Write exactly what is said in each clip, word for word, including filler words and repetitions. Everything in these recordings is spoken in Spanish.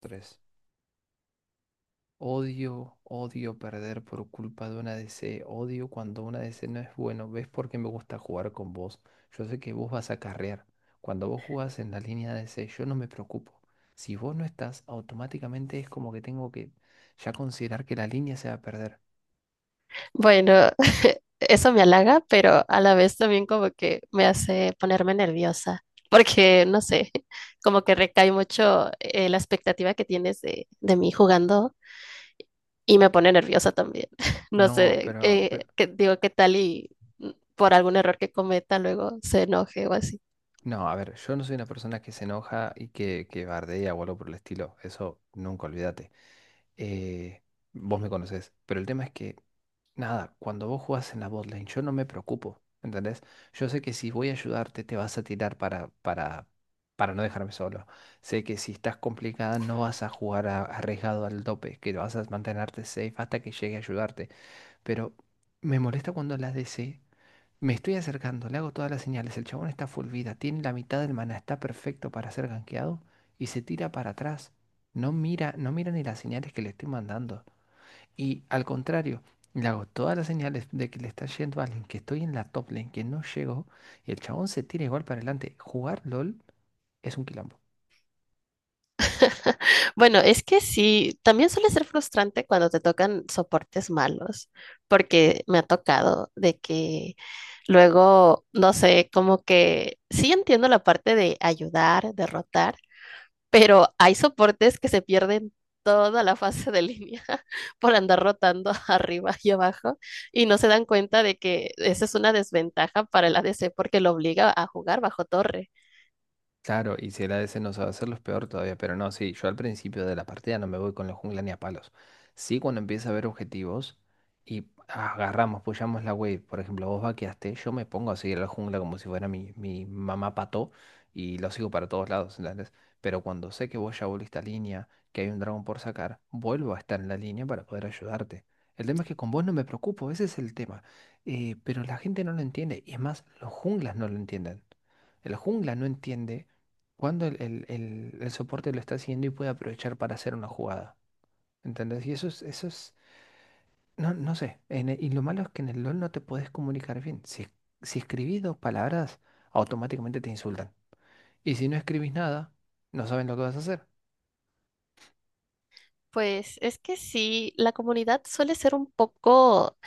Tres. Odio, odio perder por culpa de una D C. Odio cuando una D C no es bueno. ¿Ves por qué me gusta jugar con vos? Yo sé que vos vas a carrear. Cuando vos jugás en la línea de D C, yo no me preocupo. Si vos no estás, automáticamente es como que tengo que ya considerar que la línea se va a perder. Bueno, eso me halaga, pero a la vez también como que me hace ponerme nerviosa, porque no sé, como que recae mucho eh, la expectativa que tienes de, de mí jugando y me pone nerviosa también. No No, sé, pero, eh, pero- que, digo, qué tal y mm, por algún error que cometa luego se enoje o así. no, a ver, yo no soy una persona que se enoja y que, que bardea o algo por el estilo. Eso nunca olvídate. Eh, Vos me conocés. Pero el tema es que, nada, cuando vos jugás en la botlane, yo no me preocupo, ¿entendés? Yo sé que si voy a ayudarte, te vas a tirar para, para, para no dejarme solo. Sé que si estás complicada, no vas a jugar a- arriesgado al tope, que vas a mantenerte safe hasta que llegue a ayudarte. Pero me molesta cuando la D C, me estoy acercando, le hago todas las señales, el chabón está full vida, tiene la mitad del mana, está perfecto para ser gankeado y se tira para atrás. No mira, no mira ni las señales que le estoy mandando. Y al contrario, le hago todas las señales de que le está yendo a alguien, que estoy en la top lane, que no llegó, y el chabón se tira igual para adelante. Jugar LOL es un quilombo. Bueno, es que sí, también suele ser frustrante cuando te tocan soportes malos, porque me ha tocado de que luego, no sé, como que sí entiendo la parte de ayudar, derrotar, pero hay soportes que se pierden toda la fase de línea por andar rotando arriba y abajo y no se dan cuenta de que esa es una desventaja para el A D C porque lo obliga a jugar bajo torre. Claro, y si era ese no sabe hacerlo es peor todavía, pero no, sí, yo al principio de la partida no me voy con la jungla ni a palos. Sí, cuando empieza a haber objetivos y agarramos, pushamos la wave. Por ejemplo, vos vaqueaste, yo me pongo a seguir a la jungla como si fuera mi, mi mamá pato y lo sigo para todos lados, ¿entendés? Pero cuando sé que vos ya volviste a línea, que hay un dragón por sacar, vuelvo a estar en la línea para poder ayudarte. El tema es que con vos no me preocupo, ese es el tema. Eh, pero la gente no lo entiende, y es más, los junglas no lo entienden. El jungla no entiende cuando el, el- el- el soporte lo está siguiendo y puede aprovechar para hacer una jugada. ¿Entendés? Y eso es, eso es, no, no sé. En e- y lo malo es que en el LOL no te puedes comunicar bien. Si, si escribís dos palabras, automáticamente te insultan. Y si no escribís nada, no saben lo que vas a hacer. Pues es que sí, la comunidad suele ser un poco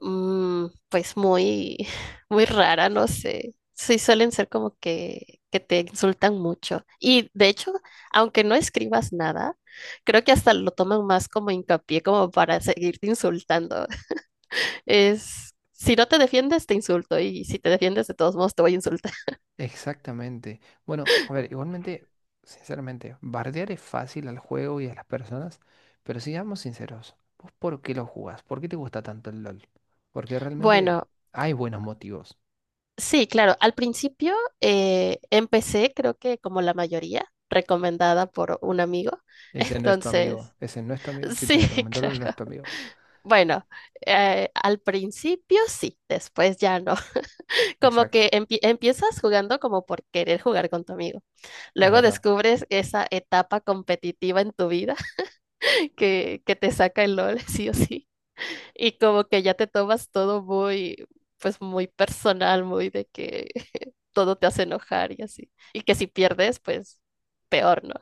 mm, pues muy, muy rara, no sé. Sí, suelen ser como que, que te insultan mucho. Y de hecho, aunque no escribas nada, creo que hasta lo toman más como hincapié, como para seguirte insultando. Es, si no te defiendes, te insulto. Y si te defiendes, de todos modos, te voy a insultar. Exactamente. Bueno, a ver, igualmente, sinceramente, bardear es fácil al juego y a las personas, pero seamos sinceros. ¿Vos por qué lo jugás? ¿Por qué te gusta tanto el LOL? Porque realmente Bueno, hay buenos motivos. sí, claro. Al principio eh, empecé, creo que como la mayoría, recomendada por un amigo. Ese no es tu amigo, Entonces, ese no es tu amigo. Si sí, te recomendó, no es claro. tu amigo. Bueno, eh, al principio sí, después ya no. Como Exacto, que empie- empiezas jugando como por querer jugar con tu amigo. es Luego verdad. descubres esa etapa competitiva en tu vida que, que te saca el LOL, sí o sí. Y como que ya te tomas todo muy, pues muy personal, muy de que todo te hace enojar y así. Y que si pierdes, pues peor, ¿no?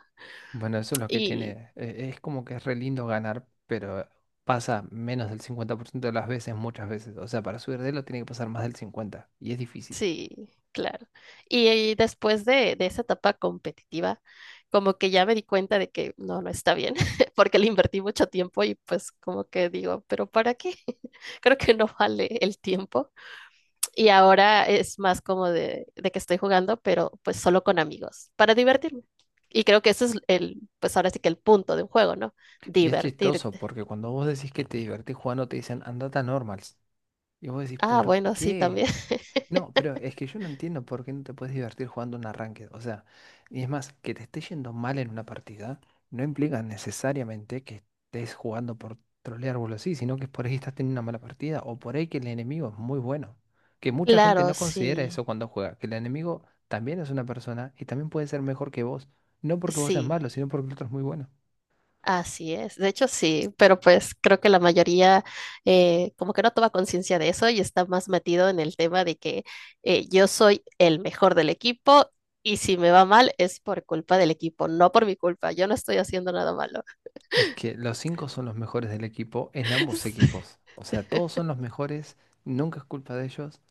Bueno, eso es lo que tiene. eh, Es como que es re lindo ganar, pero pasa menos del cincuenta por ciento de las veces, muchas veces. O sea, para subir de lo tiene que pasar más del cincuenta y es difícil. Sí, claro. Y, y después de, de esa etapa competitiva, como que ya me di cuenta de que no, no está bien, porque le invertí mucho tiempo y pues como que digo, pero ¿para qué? Creo que no vale el tiempo. Y ahora es más como de, de que estoy jugando, pero pues solo con amigos, para divertirme. Y creo que ese es el, pues ahora sí que el punto de un juego, ¿no? Y es chistoso Divertirte. porque cuando vos decís que te divertís jugando, te dicen andate a normals. Y vos decís, Ah, ¿por bueno, sí, qué? también. No, pero es que yo no entiendo por qué no te puedes divertir jugando un arranque. O sea, y es más, que te esté yendo mal en una partida no implica necesariamente que estés jugando por trolear o algo así, sino que por ahí estás teniendo una mala partida o por ahí que el enemigo es muy bueno. Que mucha gente Claro, no considera sí, eso cuando juega, que el enemigo también es una persona y también puede ser mejor que vos. No porque vos seas sí. malo, sino porque el otro es muy bueno. Así es, de hecho sí, pero pues creo que la mayoría eh, como que no toma conciencia de eso y está más metido en el tema de que eh, yo soy el mejor del equipo y si me va mal es por culpa del equipo, no por mi culpa, yo no estoy haciendo nada malo. Es que los cinco son los mejores del equipo en ambos equipos. O sea, todos son los mejores, nunca es culpa de ellos.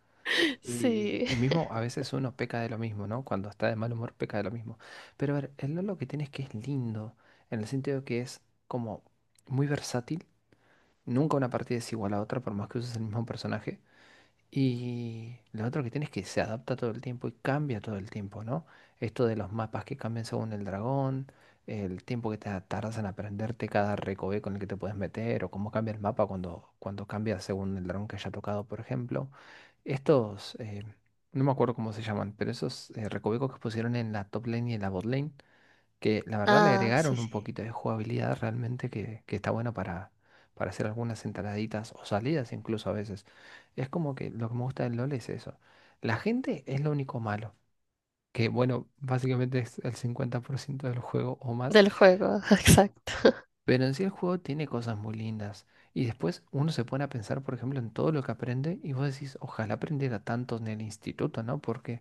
Y, Sí, y mismo a veces uno peca de lo mismo, ¿no? Cuando está de mal humor peca de lo mismo. Pero a ver, el Lolo que tiene es que es lindo, en el sentido que es como muy versátil, nunca una partida es igual a otra por más que uses el mismo personaje. Y lo otro que tiene es que se adapta todo el tiempo y cambia todo el tiempo, ¿no? Esto de los mapas que cambian según el dragón, el tiempo que te tardas en aprenderte cada recoveco con el que te puedes meter, o cómo cambia el mapa cuando, cuando cambia según el dragón que haya tocado, por ejemplo. Estos, eh, no me acuerdo cómo se llaman, pero esos eh, recovecos que pusieron en la top lane y en la bot lane, que la verdad le ah, sí, agregaron un sí, poquito de jugabilidad realmente que, que está bueno para, para hacer algunas entraditas o salidas incluso a veces. Es como que lo que me gusta del LOL es eso. La gente es lo único malo, que bueno, básicamente es el cincuenta por ciento del juego o más, del juego, exacto. pero en sí el juego tiene cosas muy lindas. Y después uno se pone a pensar, por ejemplo, en todo lo que aprende y vos decís, ojalá aprendiera tanto en el instituto, ¿no? Porque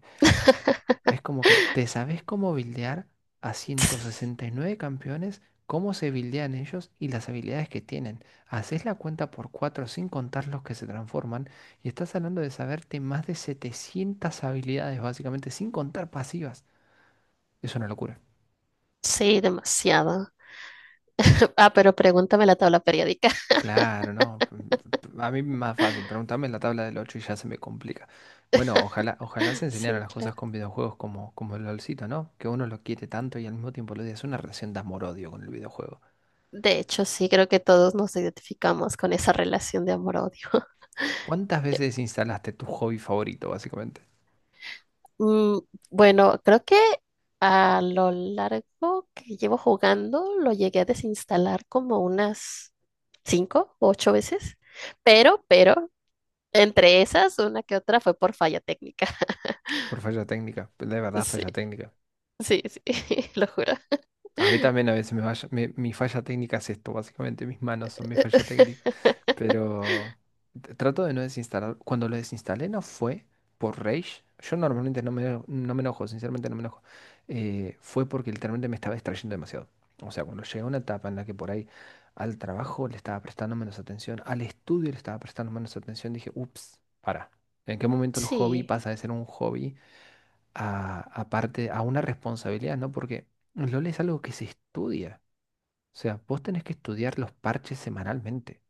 es como que te sabes cómo buildear a ciento sesenta y nueve campeones, cómo se buildean ellos y las habilidades que tienen. Haces la cuenta por cuatro sin contar los que se transforman y estás hablando de saberte más de setecientas habilidades básicamente sin contar pasivas. Es una locura. Sí, demasiado. Ah, pero pregúntame la tabla periódica. Claro, no. mm, A mí más fácil. Pregúntame la tabla del ocho y ya se me complica. Bueno, ojalá, ojalá se enseñaran Sí, las cosas claro. con videojuegos como, como el LOLcito, ¿no? Que uno lo quiere tanto y al mismo tiempo lo odia. Es una relación de amor-odio con el videojuego. De hecho, sí, creo que todos nos identificamos con esa relación de amor-odio. ¿Cuántas veces instalaste tu hobby favorito, básicamente? Mm, bueno, creo que a lo largo que llevo jugando lo llegué a desinstalar como unas cinco o ocho veces, pero, pero, entre esas, una que otra fue por falla técnica. Por falla técnica, pues, de verdad, Sí, falla técnica. sí, sí, lo juro. A mí también a veces me falla- me- mi falla técnica es esto, básicamente, mis manos son mi falla técnica. Pero t- trato de no desinstalar. Cuando lo desinstalé no fue por rage. Yo normalmente no me, eno- no me enojo, sinceramente no me enojo. Eh, fue porque literalmente me estaba distrayendo demasiado. O sea, cuando llegué a una etapa en la que por ahí al trabajo le estaba prestando menos atención, al estudio le estaba prestando menos atención, dije, ups, para. ¿En qué momento el hobby Sí. pasa de ser un hobby a, a parte- a una responsabilidad? ¿No? Porque LOL es algo que se estudia. O sea, vos tenés que estudiar los parches semanalmente.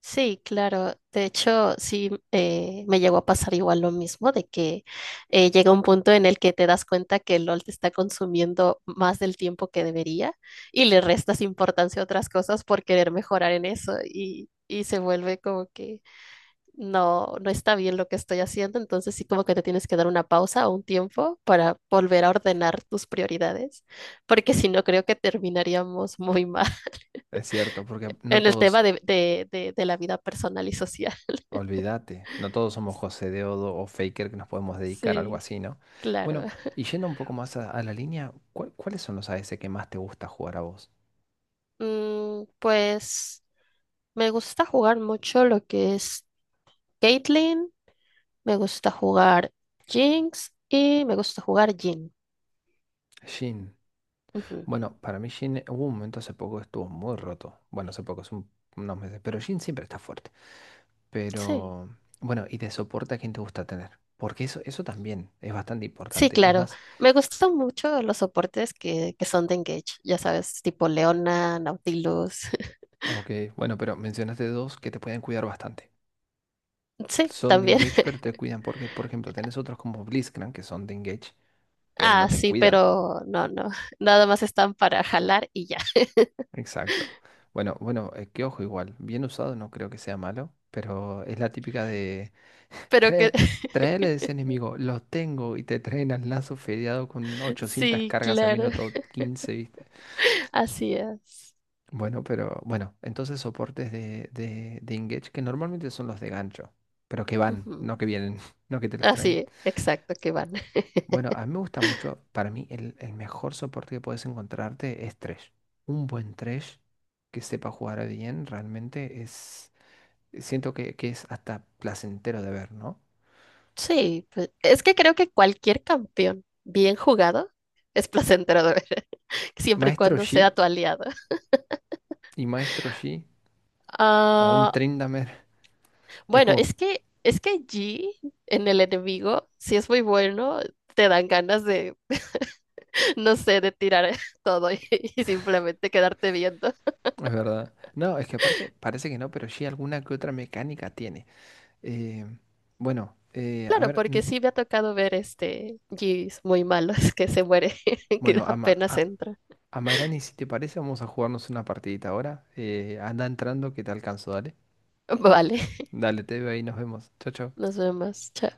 Sí, claro. De hecho, sí, eh, me llegó a pasar igual lo mismo, de que eh, llega un punto en el que te das cuenta que el LOL te está consumiendo más del tiempo que debería y le restas importancia a otras cosas por querer mejorar en eso y, y se vuelve como que no, no está bien lo que estoy haciendo, entonces sí como que te tienes que dar una pausa o un tiempo para volver a ordenar tus prioridades, porque si no creo que terminaríamos muy mal Es cierto, porque no en el todos, tema de, de de- de la vida personal y social. olvídate, no todos somos José Deodo o Faker, que nos podemos dedicar a algo Sí, así, ¿no? claro. Bueno, y yendo un poco más a, a la línea, ¿cuál- ¿cuáles son los AS que más te gusta jugar a vos? Mm, pues me gusta jugar mucho lo que es Caitlyn, me gusta jugar Jinx y me gusta jugar Jhin. Jhin. Ujú, Bueno, para mí Jhin hubo un momento hace poco que estuvo muy roto. Bueno, hace poco, hace un- unos meses, pero Jhin siempre está fuerte. sí, Pero, bueno, y de soporte a quién te gusta tener. Porque eso, eso también es bastante sí, importante. Es claro. más, Me gustan mucho los soportes que, que son de Engage, ya sabes, tipo Leona, Nautilus. ok, bueno, pero mencionaste dos que te pueden cuidar bastante. Sí, Son de también. engage, pero te cuidan. Porque, por ejemplo, tenés otros como Blitzcrank que son de engage, pero no Ah, te sí, cuidan. pero no, no. Nada más están para jalar y ya. Exacto. Bueno, bueno, eh, que ojo igual. Bien usado no creo que sea malo, pero es la típica de Pero que trae, traele de ese enemigo, lo tengo, y te traen al lazo fedeado con ochocientas sí, cargas a claro. minuto quince, ¿viste? Así es. Bueno, pero bueno, entonces soportes de, de, de engage, que normalmente son los de gancho, pero que van, Ujú. no que vienen, no que te los traen. Así, exacto, que van. Bueno, a mí me gusta mucho, para mí el, el mejor soporte que puedes encontrarte es Thresh. Un buen Thresh que sepa jugar bien realmente es, siento que, que es hasta placentero de ver, ¿no? Sí, pues, es que creo que cualquier campeón bien jugado es placentero de ver, siempre y Maestro cuando Yi sea tu aliado. y Maestro Yi o un Ah, Tryndamere, es bueno, como, es que es que G en el enemigo, si es muy bueno, te dan ganas de, no sé, de tirar todo y, y simplemente quedarte viendo. es verdad. No, es que aparte parece que no, pero Yi alguna que otra mecánica tiene. Eh, bueno, eh, a Claro, ver, porque n- sí me ha tocado ver este Gs muy malos que se muere, que bueno, Ama, apenas a, entra. Amairani, si te parece, vamos a jugarnos una partidita ahora. Eh, anda entrando, que te alcanzo, dale. Vale, Dale, te veo ahí, nos vemos. Chao, chao. nos vemos, chao.